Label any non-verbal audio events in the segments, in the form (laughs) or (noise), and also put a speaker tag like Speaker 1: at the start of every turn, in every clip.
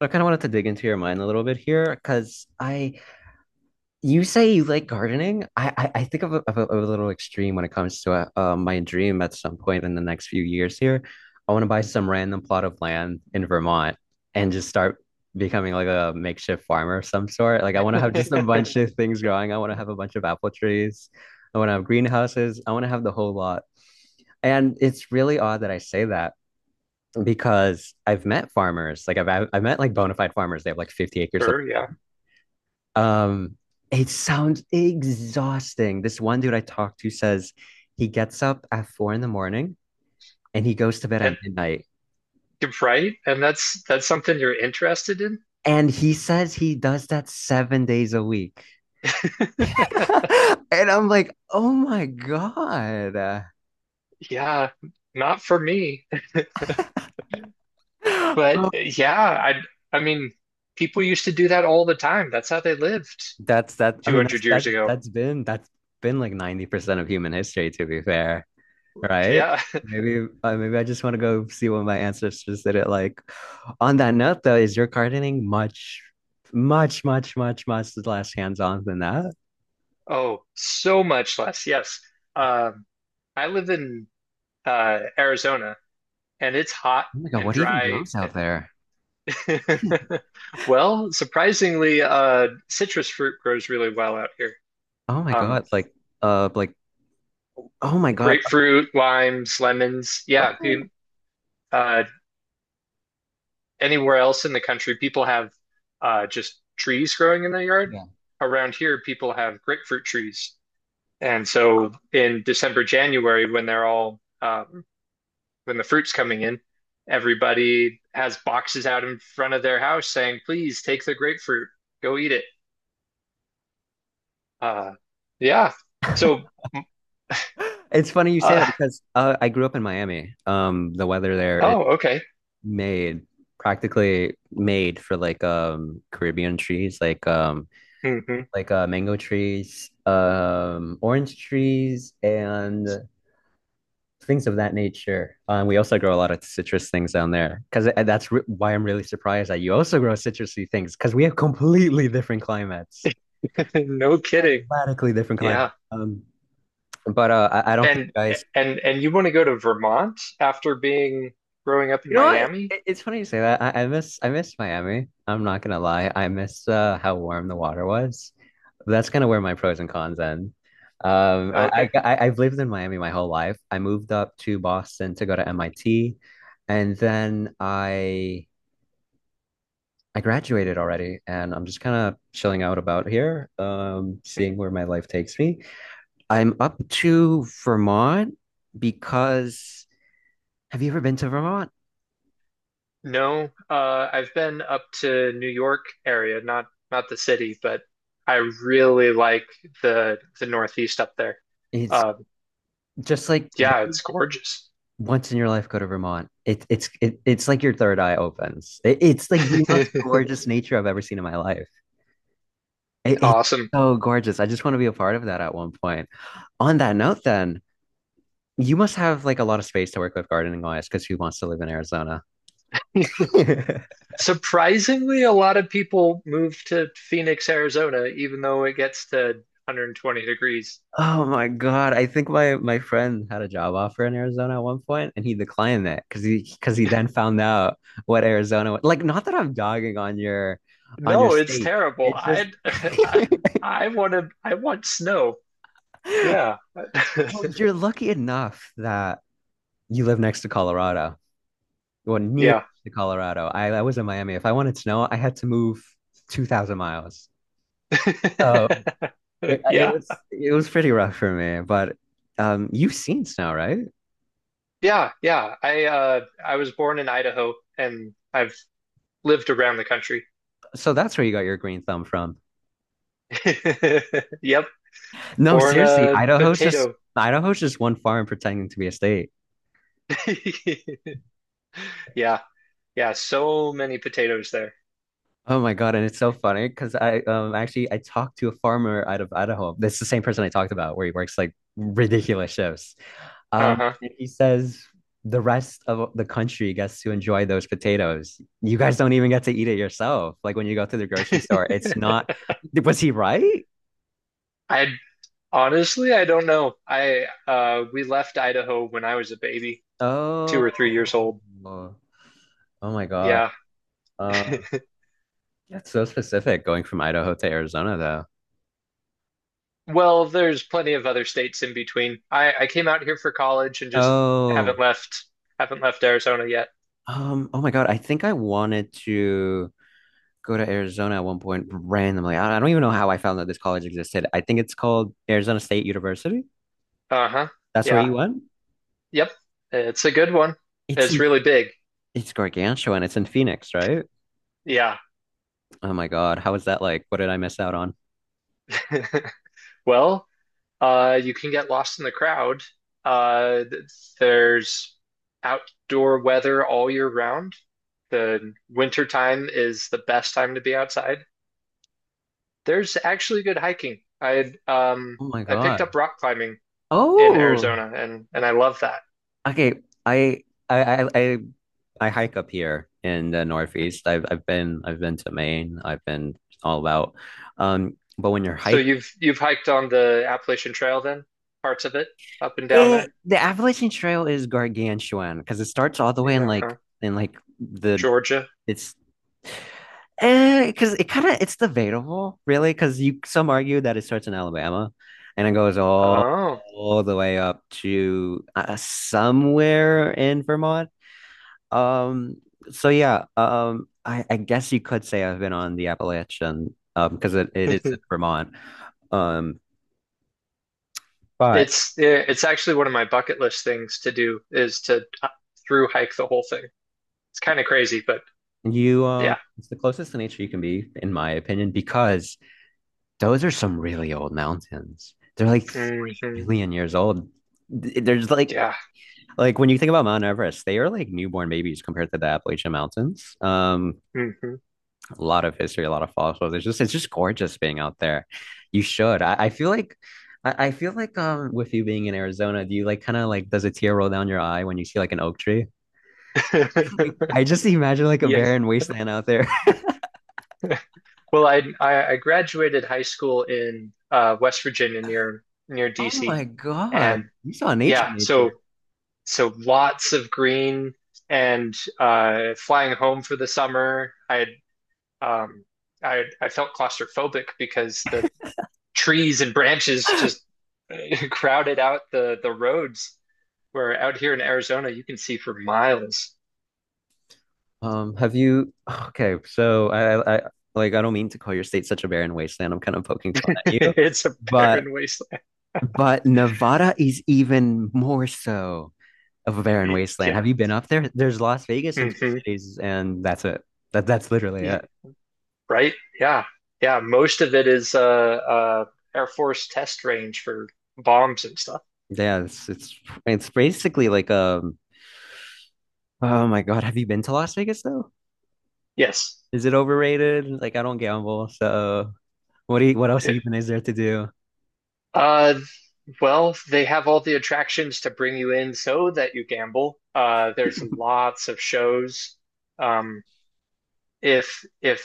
Speaker 1: So I kind of wanted to dig into your mind a little bit here because you say you like gardening. I think of a little extreme when it comes to my dream at some point in the next few years here. I want to buy some random plot of land in Vermont and just start becoming like a makeshift farmer of some sort. Like I want to have just a bunch of things growing. I want to have a bunch of apple trees. I want to have greenhouses. I want to have the whole lot. And it's really odd that I say that because I've met farmers, like I've met like bona fide farmers. They have like 50 acres of
Speaker 2: Sure, yeah.
Speaker 1: land. It sounds exhausting. This one dude I talked to says he gets up at 4 in the morning and he goes to bed at
Speaker 2: And
Speaker 1: midnight.
Speaker 2: you're right. And that's something you're interested in?
Speaker 1: And he says he does that 7 days a week.
Speaker 2: (laughs)
Speaker 1: (laughs) And I'm like, oh my God.
Speaker 2: Yeah, not for me.
Speaker 1: (gasps)
Speaker 2: But
Speaker 1: Oh,
Speaker 2: yeah, I mean, people used to do that all the time. That's how they lived
Speaker 1: that's that. I mean, that's
Speaker 2: 200
Speaker 1: that
Speaker 2: years ago.
Speaker 1: that's been that's been like 90% of human history, to be fair. Right?
Speaker 2: Yeah. (laughs)
Speaker 1: Maybe I just want to go see what my ancestors did it like. On that note, though, is your gardening much, much, much, much, much less hands-on than that?
Speaker 2: Oh, so much less. Yes. Um, I live in Arizona and it's hot
Speaker 1: Oh my God,
Speaker 2: and
Speaker 1: what even
Speaker 2: dry.
Speaker 1: grows
Speaker 2: (laughs)
Speaker 1: out there?
Speaker 2: Well, surprisingly, citrus fruit grows really well out here.
Speaker 1: Oh my
Speaker 2: Um,
Speaker 1: God, uh like oh my God.
Speaker 2: Grapefruit, limes, lemons. Yeah,
Speaker 1: Oh,
Speaker 2: uh, anywhere else in the country, people have just trees growing in their yard.
Speaker 1: yeah.
Speaker 2: Around here, people have grapefruit trees, and so in December, January, when the fruit's coming in, everybody has boxes out in front of their house saying, "Please take the grapefruit, go eat it." Uh, yeah. So,
Speaker 1: (gasps) It's funny you say
Speaker 2: uh,
Speaker 1: that because I grew up in Miami. The weather there is
Speaker 2: oh, okay.
Speaker 1: made practically made for like Caribbean trees, like
Speaker 2: (laughs)
Speaker 1: mango trees, orange trees, and things of that nature. We also grow a lot of citrus things down there because that's re why I'm really surprised that you also grow citrusy things because we have completely different climates,
Speaker 2: No kidding.
Speaker 1: radically different climates.
Speaker 2: Yeah.
Speaker 1: But I don't think
Speaker 2: And
Speaker 1: you guys.
Speaker 2: and you want to go to Vermont after being growing up in
Speaker 1: You know what?
Speaker 2: Miami?
Speaker 1: It's funny you say that. I miss Miami. I'm not gonna lie. I miss how warm the water was. That's kind of where my pros and cons end.
Speaker 2: Oh, okay.
Speaker 1: I've lived in Miami my whole life. I moved up to Boston to go to MIT, and then I graduated already, and I'm just kind of chilling out about here, seeing where my life takes me. I'm up to Vermont because have you ever been to Vermont?
Speaker 2: No, I've been up to New York area, not the city, but I really like the Northeast up there.
Speaker 1: It's
Speaker 2: Um,
Speaker 1: just like
Speaker 2: yeah,
Speaker 1: literally
Speaker 2: it's gorgeous.
Speaker 1: once in your life go to Vermont. It's like your third eye opens. It's like the most
Speaker 2: (laughs)
Speaker 1: gorgeous nature I've ever seen in my life. It's
Speaker 2: Awesome.
Speaker 1: so gorgeous. I just want to be a part of that at one point. On that note, then, you must have like a lot of space to work with gardening wise, because who wants to live in Arizona?
Speaker 2: (laughs)
Speaker 1: (laughs)
Speaker 2: Surprisingly, a lot of people move to Phoenix, Arizona, even though it gets to 120 degrees.
Speaker 1: Oh my God. I think my friend had a job offer in Arizona at one point and he declined it because he then found out what Arizona was. Like, not that I'm dogging on your
Speaker 2: No, it's
Speaker 1: state.
Speaker 2: terrible.
Speaker 1: It just
Speaker 2: (laughs) I,
Speaker 1: (laughs)
Speaker 2: I want to. I want snow. Yeah. (laughs)
Speaker 1: Well, you're lucky enough that you live next to Colorado. Well, near
Speaker 2: Yeah.
Speaker 1: to Colorado. I was in Miami. If I wanted snow, I had to move 2,000 miles. So
Speaker 2: (laughs)
Speaker 1: it, it
Speaker 2: Yeah.
Speaker 1: was it was pretty rough for me, but you've seen snow, right?
Speaker 2: Yeah. Yeah. I was born in Idaho and I've lived around the country.
Speaker 1: So that's where you got your green thumb from.
Speaker 2: (laughs) Yep.
Speaker 1: No,
Speaker 2: Born
Speaker 1: seriously,
Speaker 2: a potato.
Speaker 1: Idaho's just one farm pretending to be a state.
Speaker 2: (laughs) Yeah. Yeah. So many potatoes there.
Speaker 1: Oh my God, and it's so funny because I talked to a farmer out of Idaho. That's the same person I talked about where he works like ridiculous shifts.
Speaker 2: Uh-huh.
Speaker 1: And he says the rest of the country gets to enjoy those potatoes. You guys don't even get to eat it yourself. Like when you go to the grocery store, it's
Speaker 2: (laughs)
Speaker 1: not. Was he right?
Speaker 2: I honestly, I don't know. We left Idaho when I was a baby, 2 or 3 years
Speaker 1: Oh,
Speaker 2: old.
Speaker 1: oh my God.
Speaker 2: Yeah.
Speaker 1: Um,
Speaker 2: (laughs)
Speaker 1: that's so specific going from Idaho to Arizona, though.
Speaker 2: Well, there's plenty of other states in between. I came out here for college and just
Speaker 1: Oh,
Speaker 2: haven't left haven't left Arizona yet.
Speaker 1: oh my God. I think I wanted to go to Arizona at one point randomly. I don't even know how I found that this college existed. I think it's called Arizona State University.
Speaker 2: Uh-huh.
Speaker 1: That's where
Speaker 2: Yeah.
Speaker 1: you went?
Speaker 2: Yep. It's a good one.
Speaker 1: It's
Speaker 2: It's
Speaker 1: in
Speaker 2: really big.
Speaker 1: It's gargantuan. It's in Phoenix, right?
Speaker 2: Yeah.
Speaker 1: Oh my God. How is that like? What did I miss out on?
Speaker 2: (laughs) Well, you can get lost in the crowd. Uh, th- there's outdoor weather all year round. The winter time is the best time to be outside. There's actually good hiking.
Speaker 1: Oh my
Speaker 2: I picked
Speaker 1: God.
Speaker 2: up rock climbing in
Speaker 1: Oh,
Speaker 2: Arizona, and I love that.
Speaker 1: okay. I I I I, I hike up here in the Northeast. I've been to Maine. I've been all about. But when you're
Speaker 2: So
Speaker 1: hiking,
Speaker 2: you've hiked on the Appalachian Trail then, parts of it, up and down there?
Speaker 1: the Appalachian Trail is gargantuan because it starts all the way
Speaker 2: Yeah, huh?
Speaker 1: in like the
Speaker 2: Georgia.
Speaker 1: It's eh, because it it's debatable, really, because you some argue that it starts in Alabama and it goes
Speaker 2: Oh,
Speaker 1: all the way up to somewhere in Vermont. Um, so yeah, I guess you could say I've been on the Appalachian, because it
Speaker 2: (laughs)
Speaker 1: is in Vermont. Um, but
Speaker 2: it's yeah, it's actually one of my bucket list things to do is to through hike the whole thing. It's kind of crazy, but
Speaker 1: you, um,
Speaker 2: yeah.
Speaker 1: it's the closest to nature you can be, in my opinion, because those are some really old mountains. They're like three
Speaker 2: Hmm.
Speaker 1: billion years old. Th- There's like
Speaker 2: Yeah.
Speaker 1: like when you think about Mount Everest, they are like newborn babies compared to the Appalachian Mountains.
Speaker 2: Hmm.
Speaker 1: A lot of history, a lot of fossils. It's just gorgeous being out there. You should. I feel like with you being in Arizona, do you like kind of like does a tear roll down your eye when you see like an oak tree? (laughs)
Speaker 2: (laughs)
Speaker 1: I just imagine like a
Speaker 2: Yes.
Speaker 1: barren wasteland out there. (laughs)
Speaker 2: Well, I graduated high school in West Virginia near
Speaker 1: Oh my
Speaker 2: DC, and
Speaker 1: God. You saw nature,
Speaker 2: yeah, so
Speaker 1: nature.
Speaker 2: so lots of green and flying home for the summer. I had, um, I felt claustrophobic because the trees and branches just
Speaker 1: (laughs)
Speaker 2: (laughs) crowded out the roads. Where out here in Arizona, you can see for miles.
Speaker 1: Have you? (sighs) Okay, so like, I don't mean to call your state such a barren wasteland. I'm kind of poking
Speaker 2: (laughs)
Speaker 1: fun at you,
Speaker 2: It's a
Speaker 1: but
Speaker 2: barren wasteland.
Speaker 1: Nevada is even more so of a barren wasteland.
Speaker 2: Yeah.
Speaker 1: Have you been up there? There's Las Vegas and two
Speaker 2: Mm-hmm.
Speaker 1: cities, and that's it. That's literally it.
Speaker 2: Right. Yeah. Yeah. Most of it is Air Force test range for bombs and stuff.
Speaker 1: Yeah, it's basically like. Oh my God, have you been to Las Vegas though?
Speaker 2: Yes.
Speaker 1: Is it overrated? Like, I don't gamble, so what else
Speaker 2: It,
Speaker 1: even is there to do?
Speaker 2: Uh, Well, they have all the attractions to bring you in so that you gamble. There's
Speaker 1: (laughs)
Speaker 2: lots of shows. Um, if if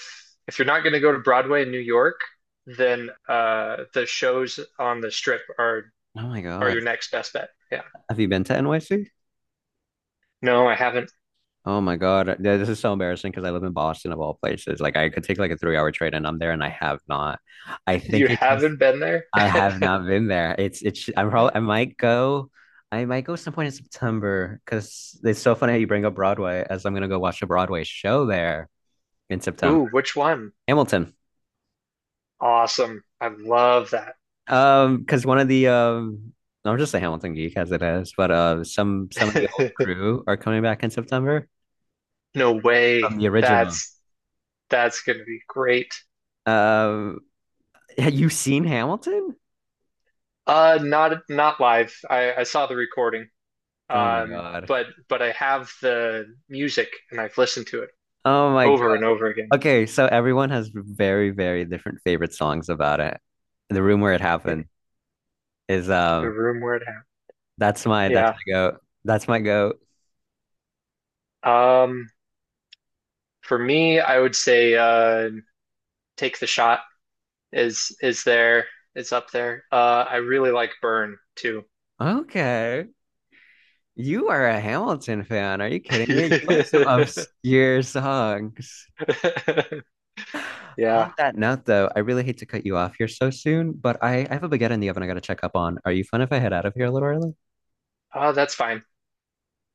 Speaker 2: if you're not going to go to Broadway in New York, then the shows on the Strip
Speaker 1: Oh my
Speaker 2: are
Speaker 1: God,
Speaker 2: your next best bet. Yeah.
Speaker 1: have you been to NYC?
Speaker 2: No, I haven't.
Speaker 1: Oh my God. Yeah, this is so embarrassing because I live in Boston of all places. Like I could take like a 3-hour train and I'm there and I have not. I
Speaker 2: You
Speaker 1: think it's just
Speaker 2: haven't been there?
Speaker 1: I have
Speaker 2: (laughs)
Speaker 1: not been there. It's I'm probably I might go some point in September because it's so funny how you bring up Broadway as I'm gonna go watch a Broadway show there in September.
Speaker 2: Ooh, which one?
Speaker 1: Hamilton.
Speaker 2: Awesome. I love that.
Speaker 1: Because one of the I'm just a Hamilton geek as it is, but some of the old
Speaker 2: (laughs)
Speaker 1: crew are coming back in September
Speaker 2: No way.
Speaker 1: from the original.
Speaker 2: That's going to be great.
Speaker 1: Um have you seen Hamilton?
Speaker 2: Not live. I saw the recording.
Speaker 1: Oh my
Speaker 2: Um,
Speaker 1: God.
Speaker 2: but but I have the music and I've listened to it
Speaker 1: Oh my
Speaker 2: over
Speaker 1: God.
Speaker 2: and over again.
Speaker 1: Okay, so everyone has very, very different favorite songs about it. The room where it
Speaker 2: Yeah,
Speaker 1: happened is
Speaker 2: the room where it happened.
Speaker 1: that's my that's
Speaker 2: Yeah.
Speaker 1: my go. That's my go.
Speaker 2: Um, for me, I would say take the shot is there? It's up there. I really like Burn too.
Speaker 1: Okay. You are a Hamilton fan. Are you kidding me? You like some
Speaker 2: (laughs)
Speaker 1: obscure songs.
Speaker 2: Yeah.
Speaker 1: On that note though, I really hate to cut you off here so soon, but I have a baguette in the oven I gotta check up on. Are you fun if I head out of here a little early?
Speaker 2: Oh, that's fine.